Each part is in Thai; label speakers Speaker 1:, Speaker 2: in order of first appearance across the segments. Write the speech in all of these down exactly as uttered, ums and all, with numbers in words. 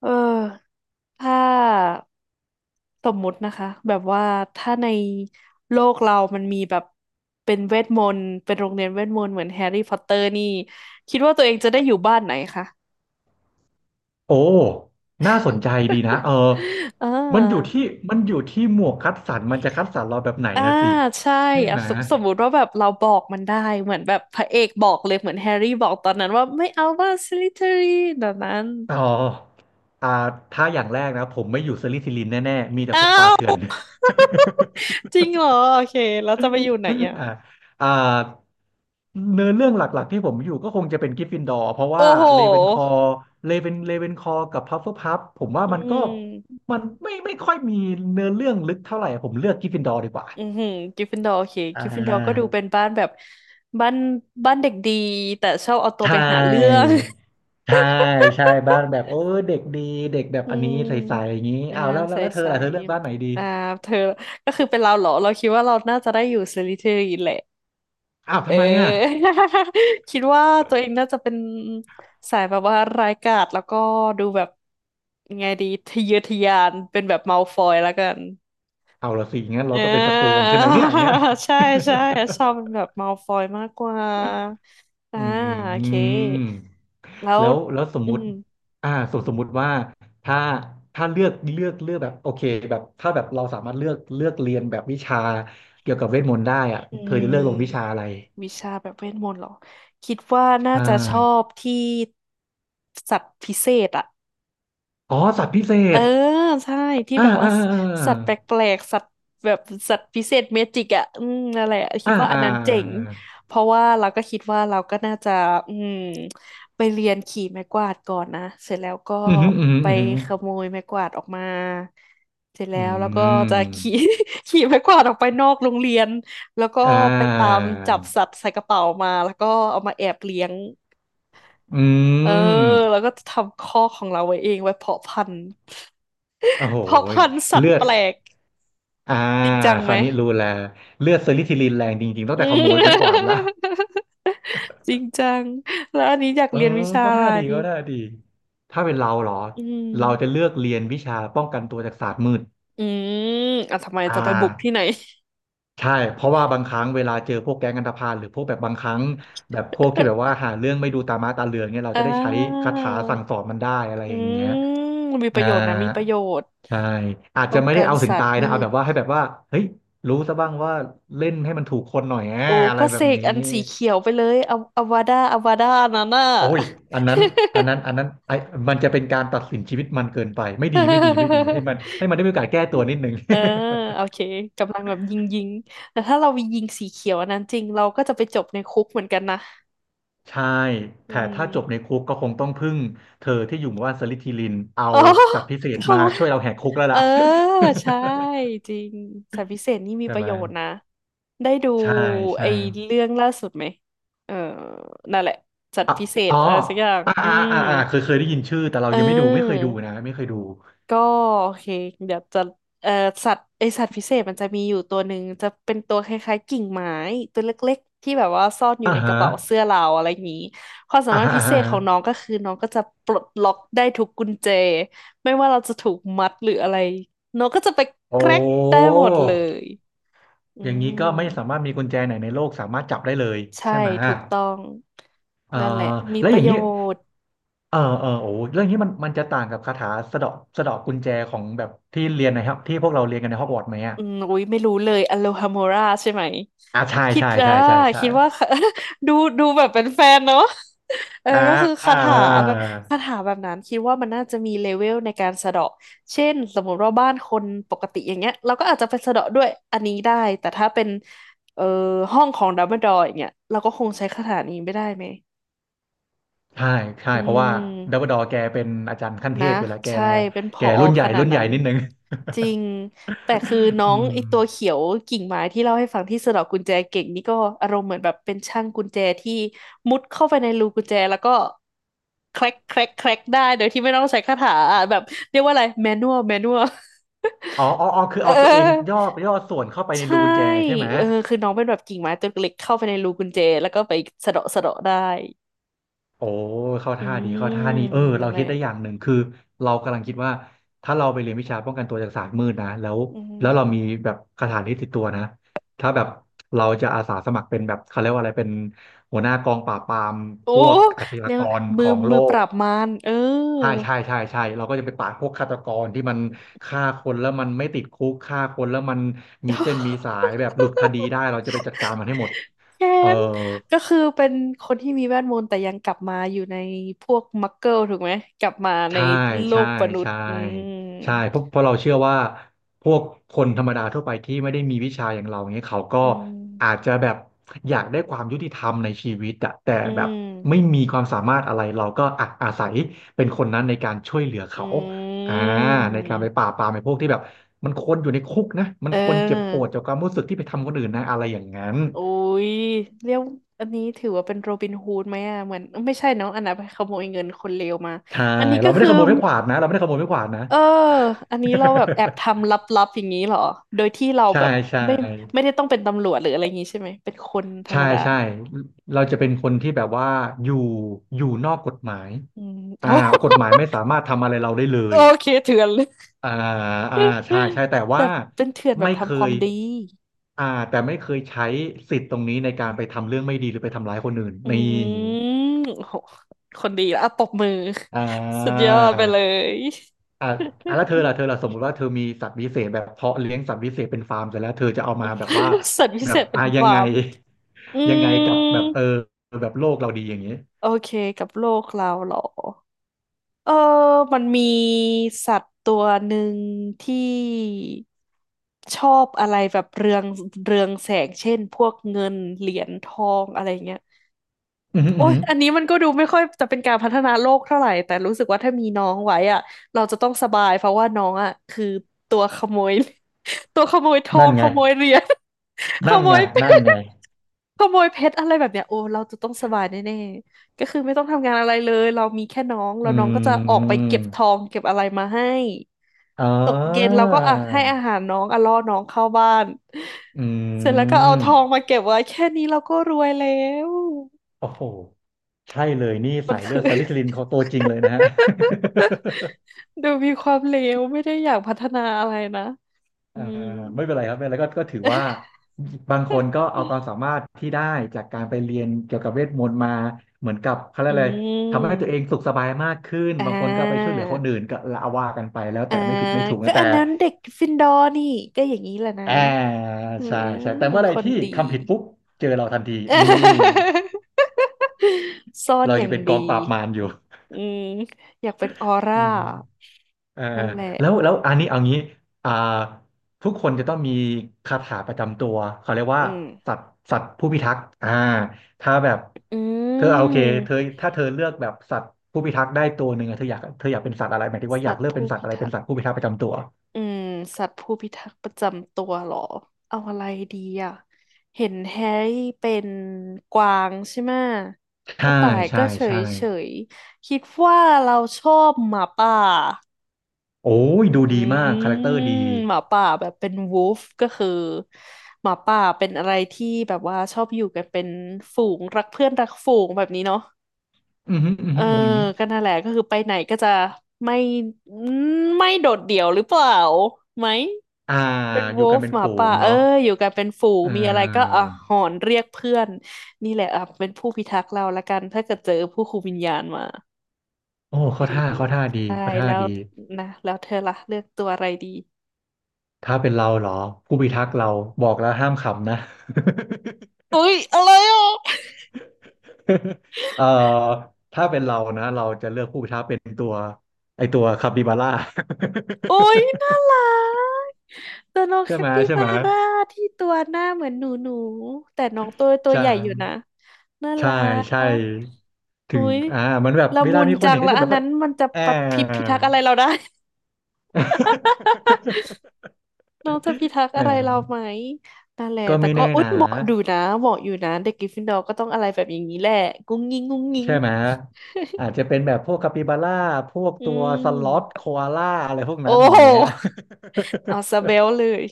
Speaker 1: เออถ้าสมมุตินะคะแบบว่าถ้าในโลกเรามันมีแบบเป็นเวทมนต์เป็นโรงเรียนเวทมนต์เหมือนแฮร์รี่พอตเตอร์นี่คิดว่าตัวเองจะได้อยู่บ้านไหนคะ
Speaker 2: โอ้ น่าสนใจดีนะเออ
Speaker 1: อ่
Speaker 2: มันอยู่
Speaker 1: า
Speaker 2: ที่มันอยู่ที่หมวกคัดสรรมันจะคัดสรรเราแบบไหน
Speaker 1: อ่า
Speaker 2: นะสิ
Speaker 1: ใช่
Speaker 2: ใช่
Speaker 1: อ่ะ
Speaker 2: ไหม
Speaker 1: สมสมมุติว่าแบบเราบอกมันได้เหมือนแบบพระเอกบอกเลยเหมือนแฮร์รี่บอกตอนนั้นว่าไม่เอาบ้านสลิธีรินแบบนั้น
Speaker 2: อ๋ออ่าถ้าอย่างแรกนะ ผมไม่อยู่สลิธีรินแน่ๆ มีแต่พ
Speaker 1: อ้า
Speaker 2: วกปลาเถื่อน
Speaker 1: ว จริงเหรอโอเคแล้วจะไปอยู่ไหน
Speaker 2: อ่า
Speaker 1: อ่ะ
Speaker 2: อ่าเนื้อเรื่องหลักๆที่ผมอยู่ก็คงจะเป็นกริฟฟินดอร์เพราะ
Speaker 1: โอ้
Speaker 2: ว่า
Speaker 1: โห
Speaker 2: เลเวนคอร์เลเวนเลเวนคอร์กับพัฟเฟิลพัฟผมว่า
Speaker 1: อื
Speaker 2: มันก็
Speaker 1: ม
Speaker 2: มันไม่ไม่ค่อยมีเนื้อเรื่องลึกเท่าไหร่ผมเลือกกริฟฟินดอร์ดีกว่า
Speaker 1: อือหือกิฟฟินดอร์โอเค
Speaker 2: อ่
Speaker 1: กริฟฟินดอร์ก็ดู
Speaker 2: า
Speaker 1: เป็นบ้านแบบบ้านบ้านเด็กดีแต่ชอบเอาตัว
Speaker 2: ใช
Speaker 1: ไปหาเรื่อ
Speaker 2: ่
Speaker 1: ง
Speaker 2: ใช่ใช่บ้านแบบโอ้ยเด็กดีเด็กแบบ
Speaker 1: อื
Speaker 2: อันนี้ใสๆอ
Speaker 1: ม
Speaker 2: ย่างนี้
Speaker 1: อ่า
Speaker 2: อ้าวแล้วแล้ว
Speaker 1: ใส่
Speaker 2: แล้วเธอ
Speaker 1: ใส่
Speaker 2: ล่ะเธอเลือกบ้านไหนดี
Speaker 1: อ่าเธอก็คือเป็นเราเหรอเราคิดว่าเราน่าจะได้อยู่สลิธีรินแหละ
Speaker 2: อ้าว
Speaker 1: เออ
Speaker 2: ทำไมอ่ะ
Speaker 1: คิดว่าตัวเองน่าจะเป็นสายแบบว่าร้ายกาจแล้วก็ดูแบบยังไงดีทะเยอทะยานเป็นแบบมัลฟอยแล้วกัน
Speaker 2: เอาละสิงั้น
Speaker 1: เอ
Speaker 2: เรา
Speaker 1: อ
Speaker 2: ก็เป็นศัตรูกันใช่ ไหมเนี่ยอย่างเงี้ย
Speaker 1: ใช่ใช่ชอบเป็ นแบบมัลฟอยมากกว่าอ่า
Speaker 2: อื
Speaker 1: โอเค
Speaker 2: ม
Speaker 1: แล้ว
Speaker 2: แล้วแล้วสม
Speaker 1: อื
Speaker 2: มุ
Speaker 1: ม
Speaker 2: ติอ่าสมสมมุติว่าถ้าถ้าเลือกเลือกเลือกแบบโอเคแบบถ้าแบบเราสามารถเลือกเลือกเรียนแบบวิชาเกี่ยวกับเวทมนต์ได้อ่ะ
Speaker 1: อื
Speaker 2: เธอจะเลือกลงวิชา
Speaker 1: ม
Speaker 2: อะไร
Speaker 1: วิชาแบบเวทมนต์เหรอคิดว่าน่า
Speaker 2: ใช่
Speaker 1: จะชอบที่สัตว์พิเศษอะ
Speaker 2: อ๋อสัตว์พิเศ
Speaker 1: เออ
Speaker 2: ษ
Speaker 1: ใช่ที่
Speaker 2: อ่า
Speaker 1: แบบว่า
Speaker 2: อ่
Speaker 1: สสั
Speaker 2: า
Speaker 1: ตว์แปลกๆสัตว์แบบสัตว์พิเศษเมจิกอ่ะอืมนั่นแหละคิ
Speaker 2: อ่า
Speaker 1: ดว่าอั
Speaker 2: อ่า
Speaker 1: นนั้น
Speaker 2: อ่
Speaker 1: เจ๋ง
Speaker 2: า
Speaker 1: เพราะว่าเราก็คิดว่าเราก็น่าจะอืมไปเรียนขี่ไม้กวาดก่อนนะเสร็จแล้วก็
Speaker 2: อืมอืม
Speaker 1: ไป
Speaker 2: อืม
Speaker 1: ขโมยไม้กวาดออกมาเสร็จแล้
Speaker 2: อื
Speaker 1: วแล้วก็จะขี่
Speaker 2: ม
Speaker 1: ขี่ไม้กวาดออกไปนอกโรงเรียนแล้วก็
Speaker 2: อ่
Speaker 1: ไปตาม
Speaker 2: า
Speaker 1: จับสัตว์ใส่กระเป๋ามาแล้วก็เอามาแอบเลี้ยง
Speaker 2: อื
Speaker 1: เออ
Speaker 2: ม
Speaker 1: แล้วก็ทำคอกของเราไว้เองไว้เพาะพันธุ์
Speaker 2: โอ้โห
Speaker 1: เพาะพันธุ์สัต
Speaker 2: เลื
Speaker 1: ว์
Speaker 2: อ
Speaker 1: แป
Speaker 2: ด
Speaker 1: ลก
Speaker 2: อ่า
Speaker 1: จริงจัง
Speaker 2: ค
Speaker 1: ไหม
Speaker 2: ราวนี้รู้แล้วเลือดเซอร์ลิทิลินแรงจริงๆตั้ง
Speaker 1: อืม
Speaker 2: แต่ขโมยไม้กวาดละ
Speaker 1: จริงจังแล้วอันนี้อยาก
Speaker 2: เออ
Speaker 1: เรียนวิชา
Speaker 2: เขา
Speaker 1: อะไร
Speaker 2: ท่าดีเขาท่าดีถ้าเป็นเราเหรอ
Speaker 1: อื
Speaker 2: เราจะ
Speaker 1: ม
Speaker 2: เลือกเรียนวิชาป้องกันตัวจากศาสตร์มืด
Speaker 1: อืมอ่ะทำไม
Speaker 2: อ่
Speaker 1: จะไปบุกที่
Speaker 2: า
Speaker 1: ไหน
Speaker 2: ใช่เพราะว่าบางครั้งเวลาเจอพวกแก๊งอันธพาลหรือพวกแบบบางครั้งแบบพวกที่แบบว่าหาเรื่องไม่ดูตาม้าตาเรือเนี่ย เรา
Speaker 1: อ่
Speaker 2: จะได้ใช้
Speaker 1: า
Speaker 2: คาถาสั่งสอนมันได้อะไร
Speaker 1: อื
Speaker 2: อย่างเงี้ย
Speaker 1: มมีป
Speaker 2: อ่า
Speaker 1: ระโยชน์นะมีประโยชน์
Speaker 2: ใช่อาจ
Speaker 1: ป้
Speaker 2: จะ
Speaker 1: อง
Speaker 2: ไม่ได้
Speaker 1: กัน
Speaker 2: เอาถึง
Speaker 1: สัต
Speaker 2: ตา
Speaker 1: ว์
Speaker 2: ย
Speaker 1: มื
Speaker 2: นะเอาแบ
Speaker 1: ด
Speaker 2: บว่าให้แบบว่าเฮ้ยรู้ซะบ้างว่าเล่นให้มันถูกคนหน่อยอ่ะ
Speaker 1: โอ้
Speaker 2: อะไร
Speaker 1: ก็
Speaker 2: แบ
Speaker 1: เส
Speaker 2: บ
Speaker 1: ก
Speaker 2: นี้
Speaker 1: อันสีเขียวไปเลยอวอวาดาอวาดานั่นน่ะ
Speaker 2: โอ้ยอันนั้นอันนั้นอันนั้นไอ้มันจะเป็นการตัดสินชีวิตมันเกินไปไม่ดีไม่ดีไม่ดีให้มัน ให้มันได้มีโอกาสแก้ตัวนิดนึง
Speaker 1: เออ โอเคกำลังแบบยิงยิงแต่ถ้าเรายิงสีเขียวอันนั้นจริงเราก็จะไปจบในคุกเหมือนกันนะ
Speaker 2: ใช่
Speaker 1: อื
Speaker 2: แต่
Speaker 1: ม
Speaker 2: ถ้าจ บในคุกก็คงต้องพึ่งเธอที่อยู่หมู่บ้านสลิธีรินเอา
Speaker 1: อ๋อ
Speaker 2: สัตว์พิเศษ
Speaker 1: เขา
Speaker 2: มาช่วยเราแหกคุกแล้ว
Speaker 1: เออ
Speaker 2: ล่ะ
Speaker 1: ใช่ จริงสัตว์พิเศษนี่มี
Speaker 2: ใช่
Speaker 1: ประ
Speaker 2: ไหม
Speaker 1: โยชน์นะ ได้ดู
Speaker 2: ใช่ใช่
Speaker 1: ไอ้เรื่องล่าสุดไหม เออนั่นแหละสัตว์พิเศษ
Speaker 2: อ๋อ
Speaker 1: เออสักอย่าง
Speaker 2: อ่า
Speaker 1: อื
Speaker 2: อ่า
Speaker 1: ม
Speaker 2: อ่าอ่าเคยเคยได้ยินชื่อแต่เรา
Speaker 1: เออ
Speaker 2: ยังไม่ดูไม่เคยดูนะไม่เคยดู
Speaker 1: ก็โอเคเดี๋ยวจะเอ่อสัตว์ไอสัตว์พิเศษมันจะมีอยู่ตัวหนึ่งจะเป็นตัวคล้ายๆกิ่งไม้ตัวเล็กๆที่แบบว่าซ่อนอยู่
Speaker 2: อ่า
Speaker 1: ในก
Speaker 2: ฮะ
Speaker 1: ระเป๋าเสื้อเราอะไรอย่างนี้ความสา
Speaker 2: อ่า
Speaker 1: มารถ
Speaker 2: ฮะ
Speaker 1: พิ
Speaker 2: อ่า
Speaker 1: เศษข
Speaker 2: ฮะ
Speaker 1: องน้องก็คือน้องก็จะปลดล็อกได้ทุกกุญแจไม่ว่าเราจะถูกมัดหรืออะไรน้องก็จะไป
Speaker 2: โอ
Speaker 1: แคร็กได้
Speaker 2: ้
Speaker 1: หมดเลยอื
Speaker 2: อย่างนี้
Speaker 1: ม
Speaker 2: ก็ไม่สามารถมีกุญแจไหนในโลกสามารถจับได้เลย
Speaker 1: ใช่
Speaker 2: ใช่ไหม
Speaker 1: ถูกต้อง
Speaker 2: เอ่อ
Speaker 1: นั่นแหละมี
Speaker 2: แล้ว
Speaker 1: ป
Speaker 2: อ
Speaker 1: ระ
Speaker 2: ย่าง
Speaker 1: โย
Speaker 2: นี้
Speaker 1: ชน์
Speaker 2: เออเออโอ้เรื่องนี้มันมันจะต่างกับคาถาสะเดาะสะเดาะกุญแจของแบบที่เรียนในฮอกที่พวกเราเรียนกันในฮอกวอตส์ไหมอ่ะ
Speaker 1: อืมอุ๊ยไม่รู้เลยอโลฮาม o ราใช่ไหม
Speaker 2: อ่าใช่
Speaker 1: คิด
Speaker 2: ใช่
Speaker 1: อ่า
Speaker 2: ใช่ใช่ใช่
Speaker 1: คิดว่า ดูดูแบบเป็นแฟนเนาะเออ
Speaker 2: อ่า
Speaker 1: ก็คือ
Speaker 2: อ่า
Speaker 1: คาถา
Speaker 2: อ่
Speaker 1: แบบคา
Speaker 2: า
Speaker 1: ถาแบบนั้น คิดว่ามันน่าจะมีเลเวลในการสะเดาะเช่น สมมติว่าบ้านคนปกติอย่างเงี้ยเราก็อาจจะไปสะเดาะด้วยอันนี้ได้ แต่ถ้าเป็นเอ่อห้องของดัมเบิลดอร์อย่างเงี้ยเราก็คงใช้คาถานี้ไม่ได้ไหม
Speaker 2: ใช่ใช่
Speaker 1: อื
Speaker 2: เพราะว่าดัมเบิลด
Speaker 1: ม
Speaker 2: อร์แกเป็นอาจารย์ขั้นเท
Speaker 1: นะ
Speaker 2: พเวลาแก
Speaker 1: ใช่เป็นผ
Speaker 2: แก
Speaker 1: อ
Speaker 2: รุ่นให
Speaker 1: ข
Speaker 2: ญ่
Speaker 1: นาด
Speaker 2: รุ่นให
Speaker 1: นั้
Speaker 2: ญ่
Speaker 1: น
Speaker 2: นิดนึง
Speaker 1: จริงแต่คือน้ อ
Speaker 2: อื
Speaker 1: ง
Speaker 2: ม
Speaker 1: ไอตัวเขียวกิ่งไม้ที่เล่าให้ฟังที่สะเดอกกุญแจเก่งนี่ก็อารมณ์เหมือนแบบเป็นช่างกุญแจที่มุดเข้าไปในรูกุญแจแล้วก็แคร็กแคร็กแคร็กได้โดยที่ไม่ต้องใช้คาถาอ่ะแบบเรียกว่าอะไรแมนวลแมนวล
Speaker 2: อ๋ออ๋ออ๋อคื อ
Speaker 1: เออ
Speaker 2: เอาตัวเองย่อย่อส่วนเข้าไปใน
Speaker 1: ใช่
Speaker 2: รูกุญแจใช่ไหม
Speaker 1: เออคือน้องเป็นแบบกิ่งไม้ตัวเล็กเข้าไปในรูกุญแจแล้วก็ไปสะเดาะสะเดาะได้
Speaker 2: โอ้เข้า
Speaker 1: อื
Speaker 2: ท่านี้
Speaker 1: ม
Speaker 2: เข้าท่านี้เออ
Speaker 1: นั่
Speaker 2: เรา
Speaker 1: นแหละ
Speaker 2: คิดได้อย่างหนึ่งคือเรากำลังคิดว่าถ้าเราไปเรียนวิชาป้องกันตัวจากศาสตร์มืดนะแล้ว
Speaker 1: อืม
Speaker 2: แล้วเรามีแบบคาถานี้ติดตัวนะถ้าแบบเราจะอาสาสมัครเป็นแบบเขาเรียกว่าอะไรเป็นหัวหน้ากองปราบปราม
Speaker 1: โอ้
Speaker 2: พวกอาชญา
Speaker 1: เรียก
Speaker 2: ก
Speaker 1: ว่า
Speaker 2: รข
Speaker 1: มื
Speaker 2: อ
Speaker 1: อ
Speaker 2: งโล
Speaker 1: มือป
Speaker 2: ก
Speaker 1: ราบมารเออ
Speaker 2: ใช่ใช่ใช่ใช่เราก็จะไปปราบพวกฆาตกรที่มันฆ่าคนแล้วมันไม่ติดคุกฆ่าคนแล้วมันมีเส้นมีสา ยแบบหลุดคดีได้เราจะไปจัดการมันให้หมด
Speaker 1: แค้
Speaker 2: เออ
Speaker 1: นก็คือเป็นคนที่มีแวดมนต์แต่ยังกลับมาอยู่ในพวกมักเกิลถูกไหมกลับมาใน
Speaker 2: ใช่
Speaker 1: โล
Speaker 2: ใช่
Speaker 1: กมนุษ
Speaker 2: ใช่
Speaker 1: ย์อื
Speaker 2: ใช่
Speaker 1: ม
Speaker 2: เพราะเพราะเราเชื่อว่าพวกคนธรรมดาทั่วไปที่ไม่ได้มีวิชาอย่างเราเนี้ยเขาก็
Speaker 1: อื
Speaker 2: อาจ
Speaker 1: ม
Speaker 2: จะแบบอยากได้ความยุติธรรมในชีวิตอะแต่
Speaker 1: อื
Speaker 2: แบบ
Speaker 1: ม
Speaker 2: ไม่มีความสามารถอะไรเราก็อ่ะอาศัยเป็นคนนั้นในการช่วยเหลือ
Speaker 1: อื
Speaker 2: เขาอ่าในการไปป
Speaker 1: ม
Speaker 2: ราบปรามไอ้พวกที่แบบมันควรอยู่ในคุกนะมั
Speaker 1: เ
Speaker 2: นควรเจ็บป
Speaker 1: ออ
Speaker 2: วดจากความรู้สึกที่ไปทำคนอื่นนะอะไรอย่างนั้น
Speaker 1: โอ้ย เรียกอันนี้ถือว่าเป็นโรบินฮูดไหมอ่ะเหมือนไม่ใช่เนาะอันนั้นไปขโมยเงินคนเลวมา
Speaker 2: ใช่
Speaker 1: อันนี้
Speaker 2: เรา
Speaker 1: ก็
Speaker 2: ไม่
Speaker 1: คื
Speaker 2: ได้
Speaker 1: อ
Speaker 2: ขโมยไม้กวาดนะเราไม่ได้ขโมยไม้กวาดนะ
Speaker 1: เออ อันนี้เราแบบแอบทำล ับๆอย่างนี้เหรอ โดยที่เรา
Speaker 2: ใช่
Speaker 1: แบบ
Speaker 2: ใช่
Speaker 1: ไม่ไม่ได้ต้องเป็นตำรวจหรืออะไรอย่างนี้ใช่ไหม เป็นคนธรร
Speaker 2: ใช่
Speaker 1: มดา
Speaker 2: ใช่ เราจะเป็นคนที่แบบว่าอยู่อยู่นอกกฎหมาย
Speaker 1: อืม โอ
Speaker 2: อ่ากฎหมายไม่สามารถทำอะไรเราได้เล
Speaker 1: โอ
Speaker 2: ย
Speaker 1: เคเถื่อนเลย
Speaker 2: อ่าอ่าใช่ใช่แต่ว่า
Speaker 1: แต่เป็นเถื่อนแบ
Speaker 2: ไม่
Speaker 1: บ
Speaker 2: เค
Speaker 1: ทำความ
Speaker 2: ย
Speaker 1: ดี
Speaker 2: อ่าแต่ไม่เคยใช้สิทธิ์ตรงนี้ในการไปทำเรื่องไม่ดีหรือไปทำร้ายคนอื่น
Speaker 1: อื
Speaker 2: นี่
Speaker 1: มโอ้โหคนดีแล้วอ่ะปรบมือ
Speaker 2: อ่
Speaker 1: สุดย
Speaker 2: า
Speaker 1: อดไปเลย
Speaker 2: อ่าอ่าแล้วเธอล่ะเธอล่ะสมมติว่าเธอมีสัตว์วิเศษแบบเพาะเลี้ยงสัตว์วิเศษเป็นฟาร์มเสร็จแล้วเธอจะเอามาแบบว่า
Speaker 1: สัตว์วิ
Speaker 2: แบ
Speaker 1: เศ
Speaker 2: บ
Speaker 1: ษเป็
Speaker 2: อ่า
Speaker 1: น
Speaker 2: ยัง
Speaker 1: ฟา
Speaker 2: ไง
Speaker 1: ร์มอื
Speaker 2: ยังไงกับแบ
Speaker 1: ม
Speaker 2: บเออแบบโลกเราดีอย่างนี้
Speaker 1: โอเคกับโลกเราเหรอ เออมันมีสัตว์ตัวหนึ่งที่ชอบอะไรแบบเรืองเรืองแสงเช่นพวกเงินเหรียญทองอะไรเงี้ย
Speaker 2: อืมอ
Speaker 1: โอ้
Speaker 2: หื
Speaker 1: ย
Speaker 2: ม
Speaker 1: อันนี้มันก็ดูไม่ค่อยจะเป็นการพัฒนาโลกเท่าไหร่แต่รู้สึกว่าถ้ามีน้องไว้อะเราจะต้องสบายเพราะว่าน้องอะคือตัวขโมย ตัวขโมยทอ
Speaker 2: นั่
Speaker 1: ง
Speaker 2: น
Speaker 1: ข
Speaker 2: ไง
Speaker 1: โมยเหรียญ ข
Speaker 2: นั่น
Speaker 1: โม
Speaker 2: ไง
Speaker 1: ย
Speaker 2: นั่นไง
Speaker 1: ขโมยเพชรอะไรแบบเนี้ยโอ้เราจะต้องสบายแน่ๆก็คือไม่ต้องทำงานอะไรเลยเรามีแค่น้อง
Speaker 2: อื
Speaker 1: แล้วน้องก็จะออกไปเก็บ
Speaker 2: ม
Speaker 1: ทองเก็บอะไรมาให้
Speaker 2: อ๋
Speaker 1: ตกเย็น
Speaker 2: อ
Speaker 1: เราก็อ่ะให้อาหารน้องอ่ะล่อน้องเข้าบ้าน
Speaker 2: อื
Speaker 1: เสร็จแล้วก็เอาทอง
Speaker 2: ม
Speaker 1: มาเก็บไว้แค่นี้เราก็รวยแล้ว
Speaker 2: โอ้โห ใช่เลยนี่
Speaker 1: มั
Speaker 2: สา
Speaker 1: น
Speaker 2: ยเลื
Speaker 1: คื
Speaker 2: อ
Speaker 1: อ
Speaker 2: ดสลิ ธีรินเขาตัวจริงเลยนะฮะ
Speaker 1: ดูมีความเลวไม่ได้อยากพัฒนาอะไรนะ
Speaker 2: เอ่
Speaker 1: อื
Speaker 2: อ
Speaker 1: ม
Speaker 2: ไม่เป็นไรครับไม่เป็นไรก็ก็ถือว่าบางคนก็เอาความสามารถที่ได้จากการไปเรียนเกี่ยวกับเวทมนต์มาเหมือนกับเขาเรีย
Speaker 1: อื
Speaker 2: กอะไรทำให้ตัวเอ
Speaker 1: ม
Speaker 2: งสุขสบายมากขึ้น
Speaker 1: อ่
Speaker 2: บางคนก็เอาไปช่วย
Speaker 1: า
Speaker 2: เหลือคนอื่นก็ละว่ากันไปแล้ว
Speaker 1: อ่า
Speaker 2: แต่ไม่ผิดไม่ถูก
Speaker 1: ก็
Speaker 2: นะแต่
Speaker 1: อันนั้นเด็กกริฟฟินดอร์นี่ก็อย่างนี้แหละนะ
Speaker 2: อ่า
Speaker 1: อื
Speaker 2: ใช่
Speaker 1: ม
Speaker 2: ใช่แต่เมื่อไหร่
Speaker 1: คน
Speaker 2: ที่
Speaker 1: ดี
Speaker 2: ทำผิดปุ๊บเจอเราทันทีนี่
Speaker 1: ซ่อน
Speaker 2: เรา
Speaker 1: อ
Speaker 2: ยั
Speaker 1: ย่า
Speaker 2: ง
Speaker 1: ง
Speaker 2: เป็นกอง
Speaker 1: ดี
Speaker 2: ปราบมารอยู่
Speaker 1: อืมอยากเป็นออร่า
Speaker 2: อืมเออ
Speaker 1: นั่นแหละ
Speaker 2: แล้วแล้วอันนี้เอางี้อ่าทุกคนจะต้องมีคาถาประจำตัวเขาเรียก
Speaker 1: อื
Speaker 2: ว่า
Speaker 1: ม
Speaker 2: สัตว์สัตว์ผู้พิทักษ์อ่าถ้าแบบ
Speaker 1: อื
Speaker 2: เธอเอาโอเคเธอ
Speaker 1: ม
Speaker 2: ถ้าเธอเลือกแบบสัตว์ผู้พิทักษ์ได้ตัวหนึ่งอะเธออยากเธออยากเป็นสัตว์อะไรหมายถึงว่าอยา
Speaker 1: สั
Speaker 2: ก
Speaker 1: ต
Speaker 2: เลื
Speaker 1: ว์
Speaker 2: อกเป็น
Speaker 1: ผู้
Speaker 2: สัตว์
Speaker 1: พิ
Speaker 2: อะไรเป็
Speaker 1: ทั
Speaker 2: น
Speaker 1: ก
Speaker 2: สั
Speaker 1: ษ์
Speaker 2: ตว์ผู้พิทักษ์ประจำตัว
Speaker 1: อืมสัตว์ผู้พิทักษ์ประจำตัวเหรอเอาอะไรดีอ่ะเห็นแฮร์รี่เป็นกวางใช่ไหมะก
Speaker 2: ใช่
Speaker 1: ระต่าย
Speaker 2: ใช่
Speaker 1: ก็เฉ
Speaker 2: ใช่
Speaker 1: ยเฉยคิดว่าเราชอบหมาป่า
Speaker 2: โอ้ยดู
Speaker 1: อื
Speaker 2: ดีมากคาแรคเตอร์ดี
Speaker 1: มหมาป่าแบบเป็นวูฟก็คือหมาป่าเป็นอะไรที่แบบว่าชอบอยู่กันเป็นฝูงรักเพื่อนรักฝูงแบบนี้เนาะ
Speaker 2: อือหืออือ
Speaker 1: เออ
Speaker 2: หืออือหือ
Speaker 1: ก็นั่นแหละก็คือไปไหนก็จะไม่ไม่โดดเดี่ยวหรือเปล่าไหม
Speaker 2: อ่า
Speaker 1: เป็น
Speaker 2: อยู่
Speaker 1: วู
Speaker 2: กัน
Speaker 1: ฟ
Speaker 2: เป็น
Speaker 1: หมา
Speaker 2: ฝู
Speaker 1: ป่า
Speaker 2: ง
Speaker 1: เออ
Speaker 2: เนาะ
Speaker 1: อยู่กันเป็นฝูง
Speaker 2: เอ
Speaker 1: มีอะไรก็
Speaker 2: อ
Speaker 1: อ่ะหอนเรียกเพื่อนนี่แหละอ่ะเป็นผู้พิทักษ์เราละกันถ้าเกิดเจอผู้คุมวิญญาณมา
Speaker 2: โอ้
Speaker 1: เอ
Speaker 2: เข้
Speaker 1: อ
Speaker 2: อท่าเข้อท่าดี
Speaker 1: ใช่
Speaker 2: เข้อท่า
Speaker 1: แล้ว
Speaker 2: ดี
Speaker 1: นะแล้วเธอล่ะเลือกตัวอะไรดี
Speaker 2: ถ้าเป็นเราเหรอผู้พิทักษ์เราบอกแล้วห้ามขำนะ
Speaker 1: อุ้ยอะไรอ่ะ
Speaker 2: เอ่อถ้าเป็นเรานะเราจะเลือกผู้พิทักษ์เป็นตัวไอตัวคาปิบาร่า
Speaker 1: โอ้ยน่ารั กตัวน้องแค
Speaker 2: ใช่ไห
Speaker 1: ป
Speaker 2: ม
Speaker 1: ปิ
Speaker 2: ใช่
Speaker 1: บา
Speaker 2: ไหม
Speaker 1: ร่าที่ตัวหน้าเหมือนหนูหนูแต่น้องตัวตัว
Speaker 2: ใช่
Speaker 1: ใหญ่อยู่นะน่า
Speaker 2: ใช่
Speaker 1: รั
Speaker 2: ใช่
Speaker 1: ก
Speaker 2: ถึ
Speaker 1: อุ้
Speaker 2: ง
Speaker 1: ย
Speaker 2: อ่ามันแบบ
Speaker 1: ละ
Speaker 2: เว
Speaker 1: มุ
Speaker 2: ลา
Speaker 1: น
Speaker 2: มีคน
Speaker 1: จั
Speaker 2: เห็
Speaker 1: ง
Speaker 2: นก็
Speaker 1: แล้ว
Speaker 2: จะ
Speaker 1: อั
Speaker 2: แบ
Speaker 1: น
Speaker 2: บ
Speaker 1: นั้
Speaker 2: ว่า
Speaker 1: นมันจะ
Speaker 2: แอ
Speaker 1: ปัดพิพิทัก
Speaker 2: บ
Speaker 1: ษ์อะไรเราได้ น้องจะพิทัก ษ์
Speaker 2: แห
Speaker 1: อะ
Speaker 2: ม
Speaker 1: ไรเราไหมนั่นแหละ
Speaker 2: ก็
Speaker 1: แต่
Speaker 2: ไม่
Speaker 1: ก็
Speaker 2: แน่
Speaker 1: อุ้ย
Speaker 2: นะ
Speaker 1: เหมาะดูนะเหมาะอยู่นะเด็กกริฟฟินดอร์ก็ต้องอะไรแบบอย่างนี้แหละกุ้งงิ้งกุ้งงิ้ง
Speaker 2: ใช่ไหมอาจจะเป็นแบบพวกคาปิบาร่าพวก
Speaker 1: อื
Speaker 2: ตัวสล็อต
Speaker 1: ม
Speaker 2: โคอาล่าอะไรพวก
Speaker 1: โอ้
Speaker 2: นั้นอย่า
Speaker 1: โห
Speaker 2: งเงี้ย
Speaker 1: เอาซะ เบลเลย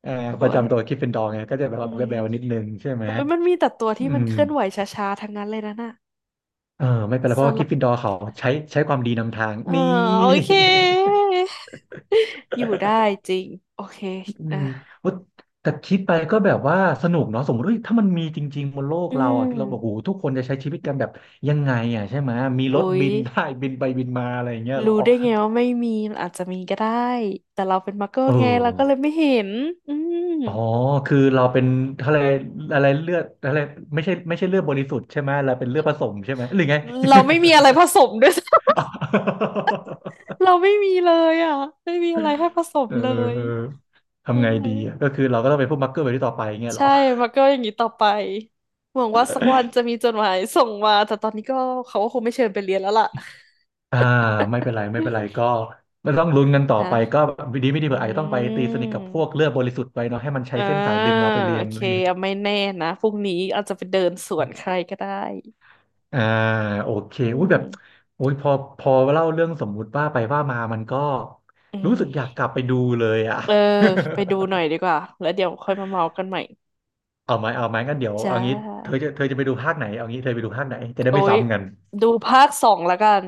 Speaker 2: เอ่อ
Speaker 1: ก
Speaker 2: ป
Speaker 1: ลั
Speaker 2: ระ
Speaker 1: วแบ
Speaker 2: จำตั
Speaker 1: บ
Speaker 2: วกริฟฟินดอร์ไงก็จะแบบ
Speaker 1: อื
Speaker 2: ว่าแบ
Speaker 1: ม
Speaker 2: วๆนิดนึงใช่ไหม
Speaker 1: โอ้ยมันมีแต่ตัว
Speaker 2: อื
Speaker 1: ที่มัน
Speaker 2: ม
Speaker 1: เคลื่อนไหวช้าๆทั้งนั้นเลยนะน่ะ
Speaker 2: เออไม่เป็นไร
Speaker 1: ส
Speaker 2: เพราะว่าก
Speaker 1: ล
Speaker 2: ริฟฟิน
Speaker 1: บ
Speaker 2: ดอร์เขาใช้ใช้ความดีนำทาง
Speaker 1: เออ
Speaker 2: นี่
Speaker 1: โอเค อยู่ได้จริงโอเค
Speaker 2: อื
Speaker 1: อ่ะ
Speaker 2: มโอ๊ยแต่คิดไปก็แบบว่าสนุกเนาะสมมติเอ้ยถ้ามันมีจริงๆบนโลก
Speaker 1: อื
Speaker 2: เราอ่ะ
Speaker 1: ม
Speaker 2: เราบอกโหทุกคนจะใช้ชีวิตกันแบบยังไงอ่ะใช่ไหมมี
Speaker 1: โอ้
Speaker 2: รถ
Speaker 1: ย
Speaker 2: บิน ได้บินไปบินมาอะไรอย่างเงี้ยเหรอ
Speaker 1: รู้ได้ไงว่าไม่มีมันอาจจะมีก็ได้แต่เราเป็นมักเกิล
Speaker 2: เออ
Speaker 1: ไงเราก็เลยไม่เห็นอืม
Speaker 2: อ๋อคือเราเป็นอะไรอะไรเลือดอะไรไม่ใช่ไม่ใช่เลือดบริสุทธิ์ใช่ไหมเราเป็นเลือดผสมใช่ไหมหรือไง
Speaker 1: เราไม่มีอะไรผสมด้วย
Speaker 2: อ๋อ
Speaker 1: เราไม่มีเลยอ่ะไม่มีอะไรให้ผสม
Speaker 2: เ
Speaker 1: เลย
Speaker 2: ออทำ
Speaker 1: นั่
Speaker 2: ไง
Speaker 1: นแหละ
Speaker 2: ดีอะก็คือเราก็ต้องเป็นผู้มักเกอร์ไปที่ต่อไปเงี้ยเหร
Speaker 1: ใช่
Speaker 2: อ
Speaker 1: มักเกิลอย่างนี้ต่อไปหวังว่าสักวันจะมีจดหมายส่งมาแต่ตอนนี้ก็เขาก็คงไม่เชิญไปเรียนแล้วล่ะ
Speaker 2: อ่าไม่เป็นไรไม่เป็นไรก็ไม่ต้องลุ้นกันต่อ ไปก็
Speaker 1: นะ
Speaker 2: ดีไม่ดีเผื่ออาจจะต้องไป
Speaker 1: อื
Speaker 2: ตีสนิทกับพ
Speaker 1: ม
Speaker 2: วกเลือดบริสุทธิ์ไปเนาะให้มันใช้
Speaker 1: อ่า
Speaker 2: เส้นสายดึงเราไปเรี
Speaker 1: โอ
Speaker 2: ยน
Speaker 1: เค
Speaker 2: อะไรอย่างเงี้ย
Speaker 1: เอาไม่แน่นะพรุ่งนี้อาจจะไปเดินสวนใครก็ได้
Speaker 2: อ่าโอเค
Speaker 1: อื
Speaker 2: อุ้ยแบบ
Speaker 1: ม
Speaker 2: อุ้ยพอพอเล่าเรื่องสมมุติว่าไปว่ามามันก็
Speaker 1: อื
Speaker 2: รู้สึกอยาก
Speaker 1: ม
Speaker 2: กลับไปดูเลยอ่ะ
Speaker 1: เออไปดูหน่อยดีกว่าแล้วเดี๋ยวค่อยมาเมากันใหม่
Speaker 2: เอาไหมเอาไหมงั้นเดี๋ยว
Speaker 1: จ้
Speaker 2: เอางี้เธอ
Speaker 1: า
Speaker 2: จะเธอจะไปดูภาคไหนเอางี้เธอไปดูภาคไหนจะได้
Speaker 1: โอ้
Speaker 2: ไม่
Speaker 1: ย
Speaker 2: ซ้ำกัน
Speaker 1: ดูภาคสองแล้วกัน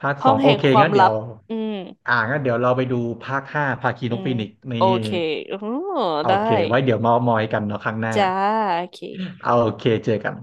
Speaker 2: ภาค
Speaker 1: ห้
Speaker 2: ส
Speaker 1: อ
Speaker 2: อ
Speaker 1: ง
Speaker 2: งโอ
Speaker 1: แห่ง
Speaker 2: เค
Speaker 1: ความ
Speaker 2: งั้นเดี๋ย
Speaker 1: ลับ
Speaker 2: ว
Speaker 1: อืม
Speaker 2: อ่างั้นเดี๋ยวเราไปดูภาคห้าภาคี
Speaker 1: อื
Speaker 2: นก
Speaker 1: ม
Speaker 2: ฟีนิกซ์นี่
Speaker 1: โอเคอ๋อ
Speaker 2: โอ
Speaker 1: ได้
Speaker 2: เคไว้เดี๋ยวเมามอยกันเนาะครั้งหน้า
Speaker 1: จ้าโอเค
Speaker 2: เอาโอเคเจอกัน